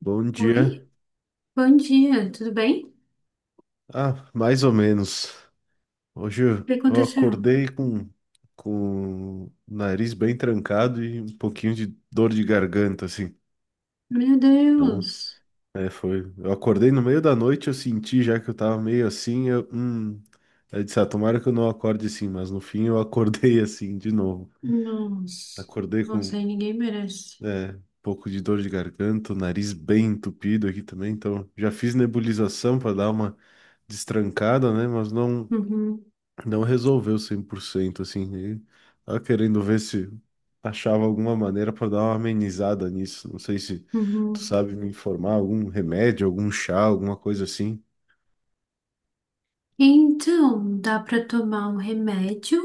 Bom dia. Oi, bom dia, tudo bem? O Ah, mais ou menos. Hoje eu que eu aconteceu? acordei com o nariz bem trancado e um pouquinho de dor de garganta, assim. Meu Então, Deus, é, foi. Eu acordei no meio da noite, eu senti já que eu tava meio assim. Eu disse, ah, tomara que eu não acorde assim, mas no fim eu acordei assim de novo. nossa, Acordei com, nossa, aí ninguém merece. é, um pouco de dor de garganta, o nariz bem entupido aqui também. Então, já fiz nebulização para dar uma destrancada, né? Mas não. Uhum, não resolveu 100%, assim, e tava querendo ver se achava alguma maneira para dar uma amenizada nisso. Não sei se tu uhum. sabe me informar, algum remédio, algum chá, alguma coisa assim. Então, dá pra tomar um remédio?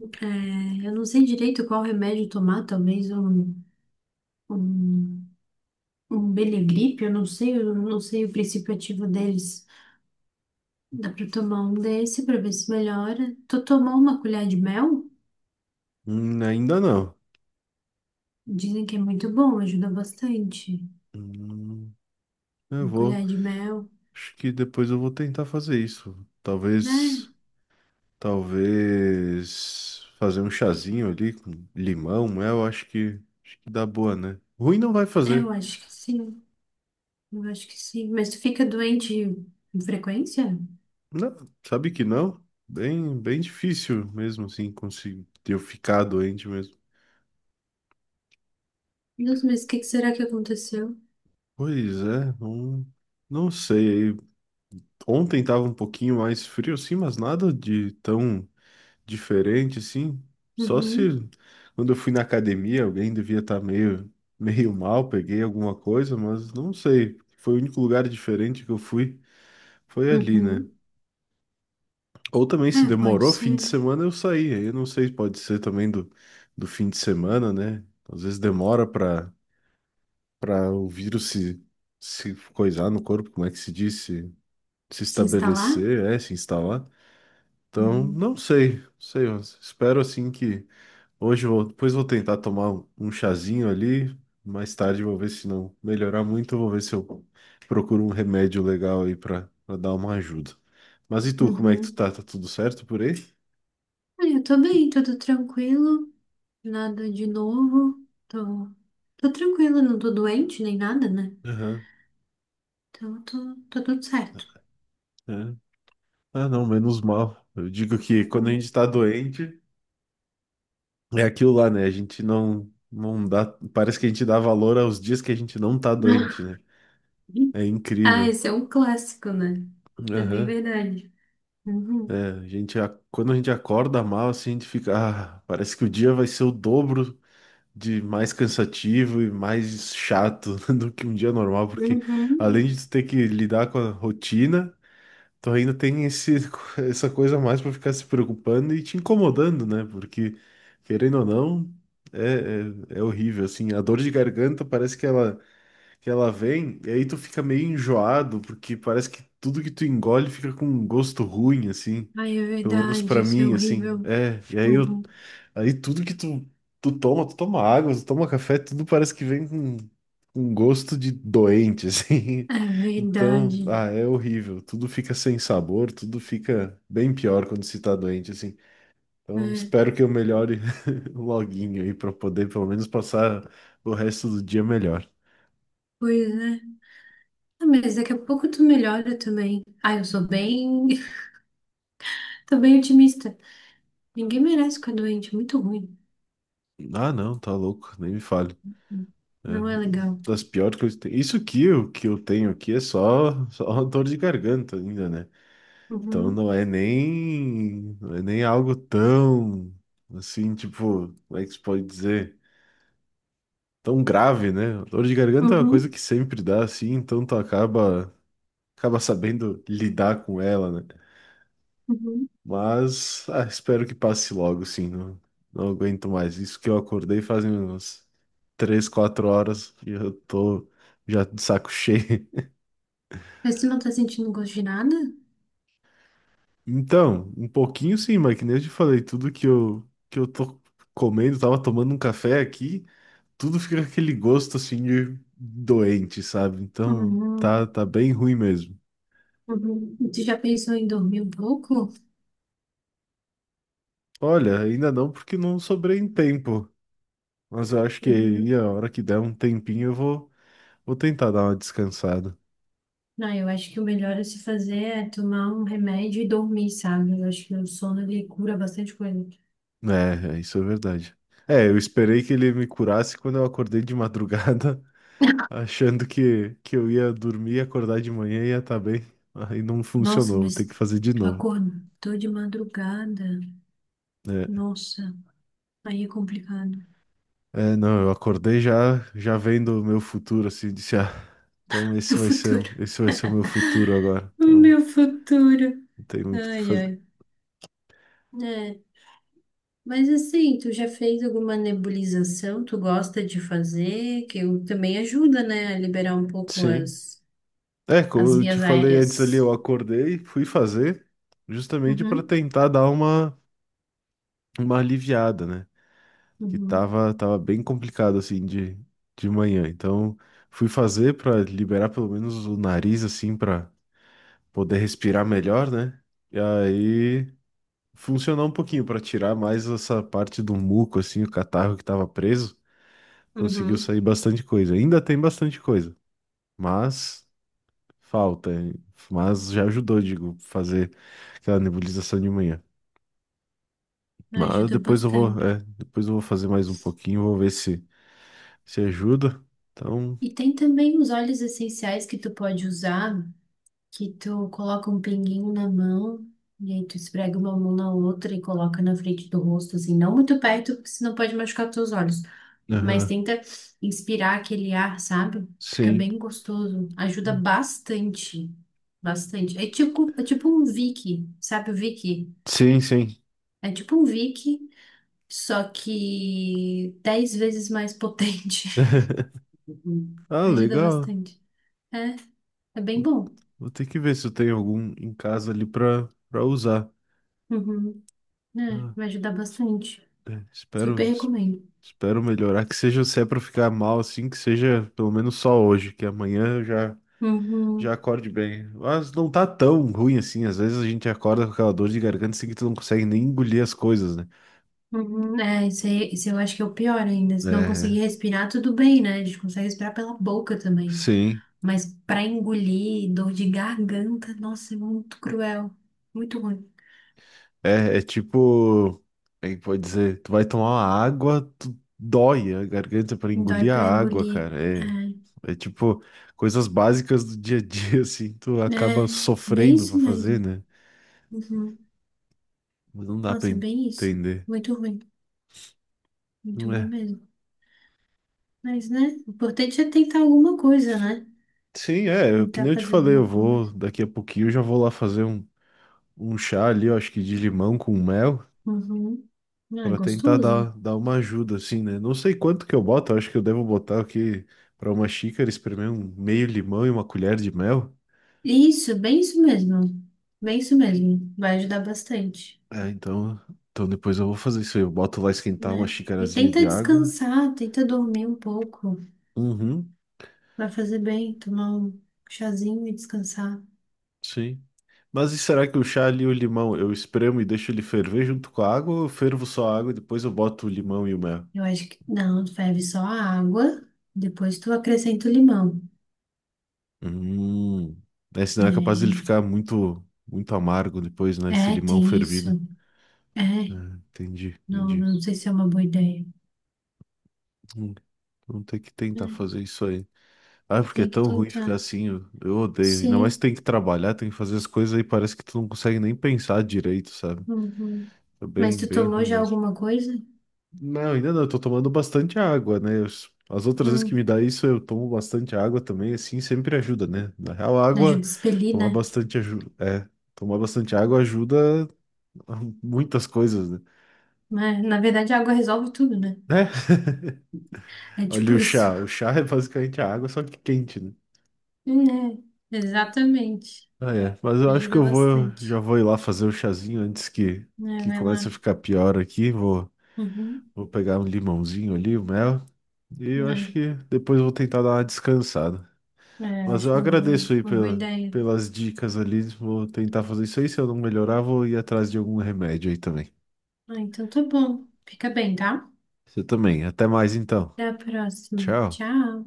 É, eu não sei direito qual remédio tomar, talvez um, um Belegripe, eu não sei o princípio ativo deles. Dá pra tomar um desse pra ver se melhora. Tô tomando uma colher de mel? Ainda não. Dizem que é muito bom, ajuda bastante. Hum, eu Uma vou, colher de mel. acho que depois eu vou tentar fazer isso. Talvez, É, talvez fazer um chazinho ali com limão, mel, acho que dá boa, né? Ruim não vai eu fazer. acho que sim. Eu acho que sim. Mas tu fica doente com frequência? Não, sabe que não? Bem difícil mesmo assim conseguir eu ficar doente mesmo. Deus, mas o que será que aconteceu? Pois é, não, não sei. Ontem tava um pouquinho mais frio assim, mas nada de tão diferente assim. Só se Uhum. quando eu fui na academia alguém devia estar meio, meio mal, peguei alguma coisa, mas não sei. Foi o único lugar diferente que eu fui, foi ali, né? Uhum. Ou também se É, pode demorou, fim ser. de semana eu saí. Aí eu não sei, pode ser também do, do fim de semana, né? Às vezes demora para o vírus se, se coisar no corpo, como é que se diz? Se Se instalar? estabelecer, é, se instalar. Então, Uhum. não sei, não sei, mas espero assim que hoje eu vou, depois vou tentar tomar um chazinho ali, mais tarde vou ver se não melhorar muito, eu vou ver se eu procuro um remédio legal aí para dar uma ajuda. Mas e tu, como é que tu Uhum. tá? Tá tudo certo por aí? Ah, eu tô bem, tudo tranquilo. Nada de novo. Tô tranquila, não tô doente nem nada, né? Então, tô tudo certo. É. Ah, não, menos mal. Eu digo que quando a gente Uhum. tá doente, é aquilo lá, né? A gente não, não dá. Parece que a gente dá valor aos dias que a gente não tá doente, né? É Ah, incrível. esse é um clássico, né? Isso é bem Aham. verdade. É, Uhum. Quando a gente acorda mal, assim, a gente fica. Ah, parece que o dia vai ser o dobro de mais cansativo e mais chato do que um dia normal, porque Uhum. além de tu ter que lidar com a rotina. Tu ainda tem essa coisa mais pra ficar se preocupando e te incomodando, né? Porque, querendo ou não, é horrível, assim. A dor de garganta parece que ela vem e aí tu fica meio enjoado, porque parece que tudo que tu engole fica com um gosto ruim, assim. Ai, é Pelo menos verdade, pra isso é mim, assim. horrível. É, e Uhum. aí tudo que tu, tu toma água, tu toma café, tudo parece que vem com gosto de doente, assim. É Então, verdade. ah, é horrível. Tudo fica sem sabor, tudo fica bem pior quando se tá doente, assim. Então, É, espero que eu melhore loguinho aí pra poder pelo menos passar o resto do dia melhor. pois é. Ah, mas daqui a pouco tu melhora também. Ah, eu sou bem. Tô bem otimista. Ninguém merece ficar doente, é muito ruim. Ah, não, tá louco, nem me fale. É, Não é legal. das piores coisas que tem. Isso aqui, o que eu tenho aqui é só, só dor de garganta ainda, né? Então Uhum. não é nem, não é nem algo tão, assim, tipo, como é que se pode dizer? Tão grave, né? Dor de garganta é uma coisa Uhum. que sempre dá, assim, então tu acaba, acaba sabendo lidar com ela, né? Uhum. Mas, ah, espero que passe logo, sim. Não, não aguento mais. Isso que eu acordei fazem umas três, quatro horas e eu tô já de saco cheio. Mas tu não tá sentindo gosto de nada? Então, um pouquinho sim, mas que nem eu te falei, tudo que eu tô comendo, tava tomando um café aqui, tudo fica com aquele gosto assim de doente, sabe? Então, tá, Uhum. tá bem ruim mesmo. Uhum. E tu já pensou em dormir um pouco? Olha, ainda não porque não sobrei em tempo, mas eu acho que aí a Uhum. hora que der um tempinho eu vou, vou tentar dar uma descansada. Não, eu acho que o melhor a se fazer é tomar um remédio e dormir, sabe? Eu acho que o sono ele cura bastante coisa. Isso é verdade. É, eu esperei que ele me curasse quando eu acordei de madrugada achando que eu ia dormir, acordar de manhã e ia estar bem. Aí não Nossa, funcionou, vou ter mas que fazer de tu novo. acordou de madrugada. É, Nossa, aí é complicado. Não, eu acordei já, já vendo o meu futuro, assim, disse, ah, então Meu futuro. esse vai ser o meu futuro agora. O Então, meu futuro. não tem muito o que Ai, fazer. ai. É, mas assim, tu já fez alguma nebulização? Tu gosta de fazer? Também ajuda, né, a liberar um pouco Sim. as, É, como as eu te vias falei antes ali, aéreas. eu acordei, fui fazer, justamente para Uhum, tentar dar uma aliviada, né? Que uhum, tava, tava bem complicado assim de manhã. Então fui fazer para liberar pelo menos o nariz assim para poder respirar melhor, né? E aí funcionou um pouquinho para tirar mais essa parte do muco assim, o catarro que tava preso, conseguiu uhum. sair bastante coisa. Ainda tem bastante coisa, mas falta, hein? Mas já ajudou, digo, fazer aquela nebulização de manhã. Mas Ajuda depois eu vou, bastante. é, depois eu vou fazer mais um pouquinho, vou ver se ajuda. Então, E tem também os óleos essenciais que tu pode usar. Que tu coloca um pinguinho na mão, e aí tu esfrega uma mão na outra e coloca na frente do rosto, assim, não muito perto, porque senão pode machucar teus olhos. Mas Aham. tenta inspirar aquele ar, sabe? Fica Sim. bem gostoso. Ajuda bastante. Bastante. É tipo um Vick, sabe o Vick? Sim, sim. É tipo um Vick, só que 10 vezes mais potente. Uhum. Ah, Ajuda legal. bastante. É, é bem Vou bom. Ter que ver se eu tenho algum em casa ali pra, pra usar. Uhum. É, Ah, vai ajudar bastante. é, Super recomendo. espero melhorar. Que seja, se é pra ficar mal assim, que seja pelo menos só hoje, que amanhã eu já, já Uhum, acorde bem. Mas não tá tão ruim assim. Às vezes a gente acorda com aquela dor de garganta assim que tu não consegue nem engolir as coisas, né? uhum. É, isso, isso eu acho que é o pior ainda. Se não É, conseguir respirar, tudo bem, né? A gente consegue respirar pela boca também. sim. Mas pra engolir, dor de garganta, nossa, é muito cruel. Muito ruim. É, é tipo, aí pode dizer, tu vai tomar uma água, tu dói a garganta pra Dói engolir a pra água, engolir. cara. É, É, é tipo coisas básicas do dia a dia, assim, tu é acaba bem sofrendo pra isso fazer, mesmo. né? Uhum. Mas não dá pra Nossa, é bem isso. entender. Muito ruim. Muito Não ruim é. mesmo. Mas, né? O importante é tentar alguma coisa, né? Sim, é, que Tentar nem eu te fazer falei, eu alguma coisa. vou, daqui a pouquinho eu já vou lá fazer um, um chá ali, eu acho que de limão com mel. Uhum. Ah, é Pra tentar gostoso. dar, dar uma ajuda, assim, né? Não sei quanto que eu boto, acho que eu devo botar aqui pra uma xícara, espremer um meio limão e uma colher de mel. Isso, bem isso mesmo. Bem isso mesmo. Vai ajudar bastante, É, então, então depois eu vou fazer isso aí. Eu boto lá esquentar uma né? E xicarazinha tenta de água. descansar, tenta dormir um pouco. Uhum, Vai fazer bem, tomar um chazinho e descansar. sim. Mas e será que o chá ali, e o limão, eu espremo e deixo ele ferver junto com a água ou eu fervo só a água e depois eu boto o limão e o mel? Eu acho que não, tu ferve só a água, depois tu acrescenta o limão. Hum, né? Senão é capaz dele ficar muito, muito amargo depois, né? Esse É, é, limão tem isso. fervido. É, Ah, entendi, não, entendi. não sei se é uma boa ideia. Vamos ter que tentar É, fazer isso aí. Ah, é porque é tem que tão ruim tentar. ficar assim, eu odeio. Ainda mais Sim. tem que trabalhar, tem que fazer as coisas aí, parece que tu não consegue nem pensar direito, sabe? Uhum. É Mas bem, tu bem tomou ruim já mesmo. alguma coisa? Não, ainda não, eu tô tomando bastante água, né? As outras vezes que me Hum, dá isso, eu tomo bastante água também, assim, sempre ajuda, né? Na real, a ajuda a água, expelir, tomar né? bastante ajuda, é, tomar bastante água ajuda a muitas coisas, né? Mas, na verdade, a água resolve tudo, né? Né? É Olha tipo isso. O chá é basicamente a água, só que quente, né? Né? Exatamente. Ah, é. Mas eu acho que Ajuda eu vou, bastante. já vou ir lá fazer o chazinho antes Né, que vai comece a lá. ficar pior aqui. Vou, Uhum. vou pegar um limãozinho ali, o mel. E eu É, acho que depois vou tentar dar uma descansada. é, eu Mas eu acho agradeço aí uma boa pela, ideia. pelas dicas ali. Vou tentar fazer isso aí. Se eu não melhorar, vou ir atrás de algum remédio aí também. Ah, então tá bom. Fica bem, tá? Você também. Até mais então. Até a próxima. Tchau. Tchau.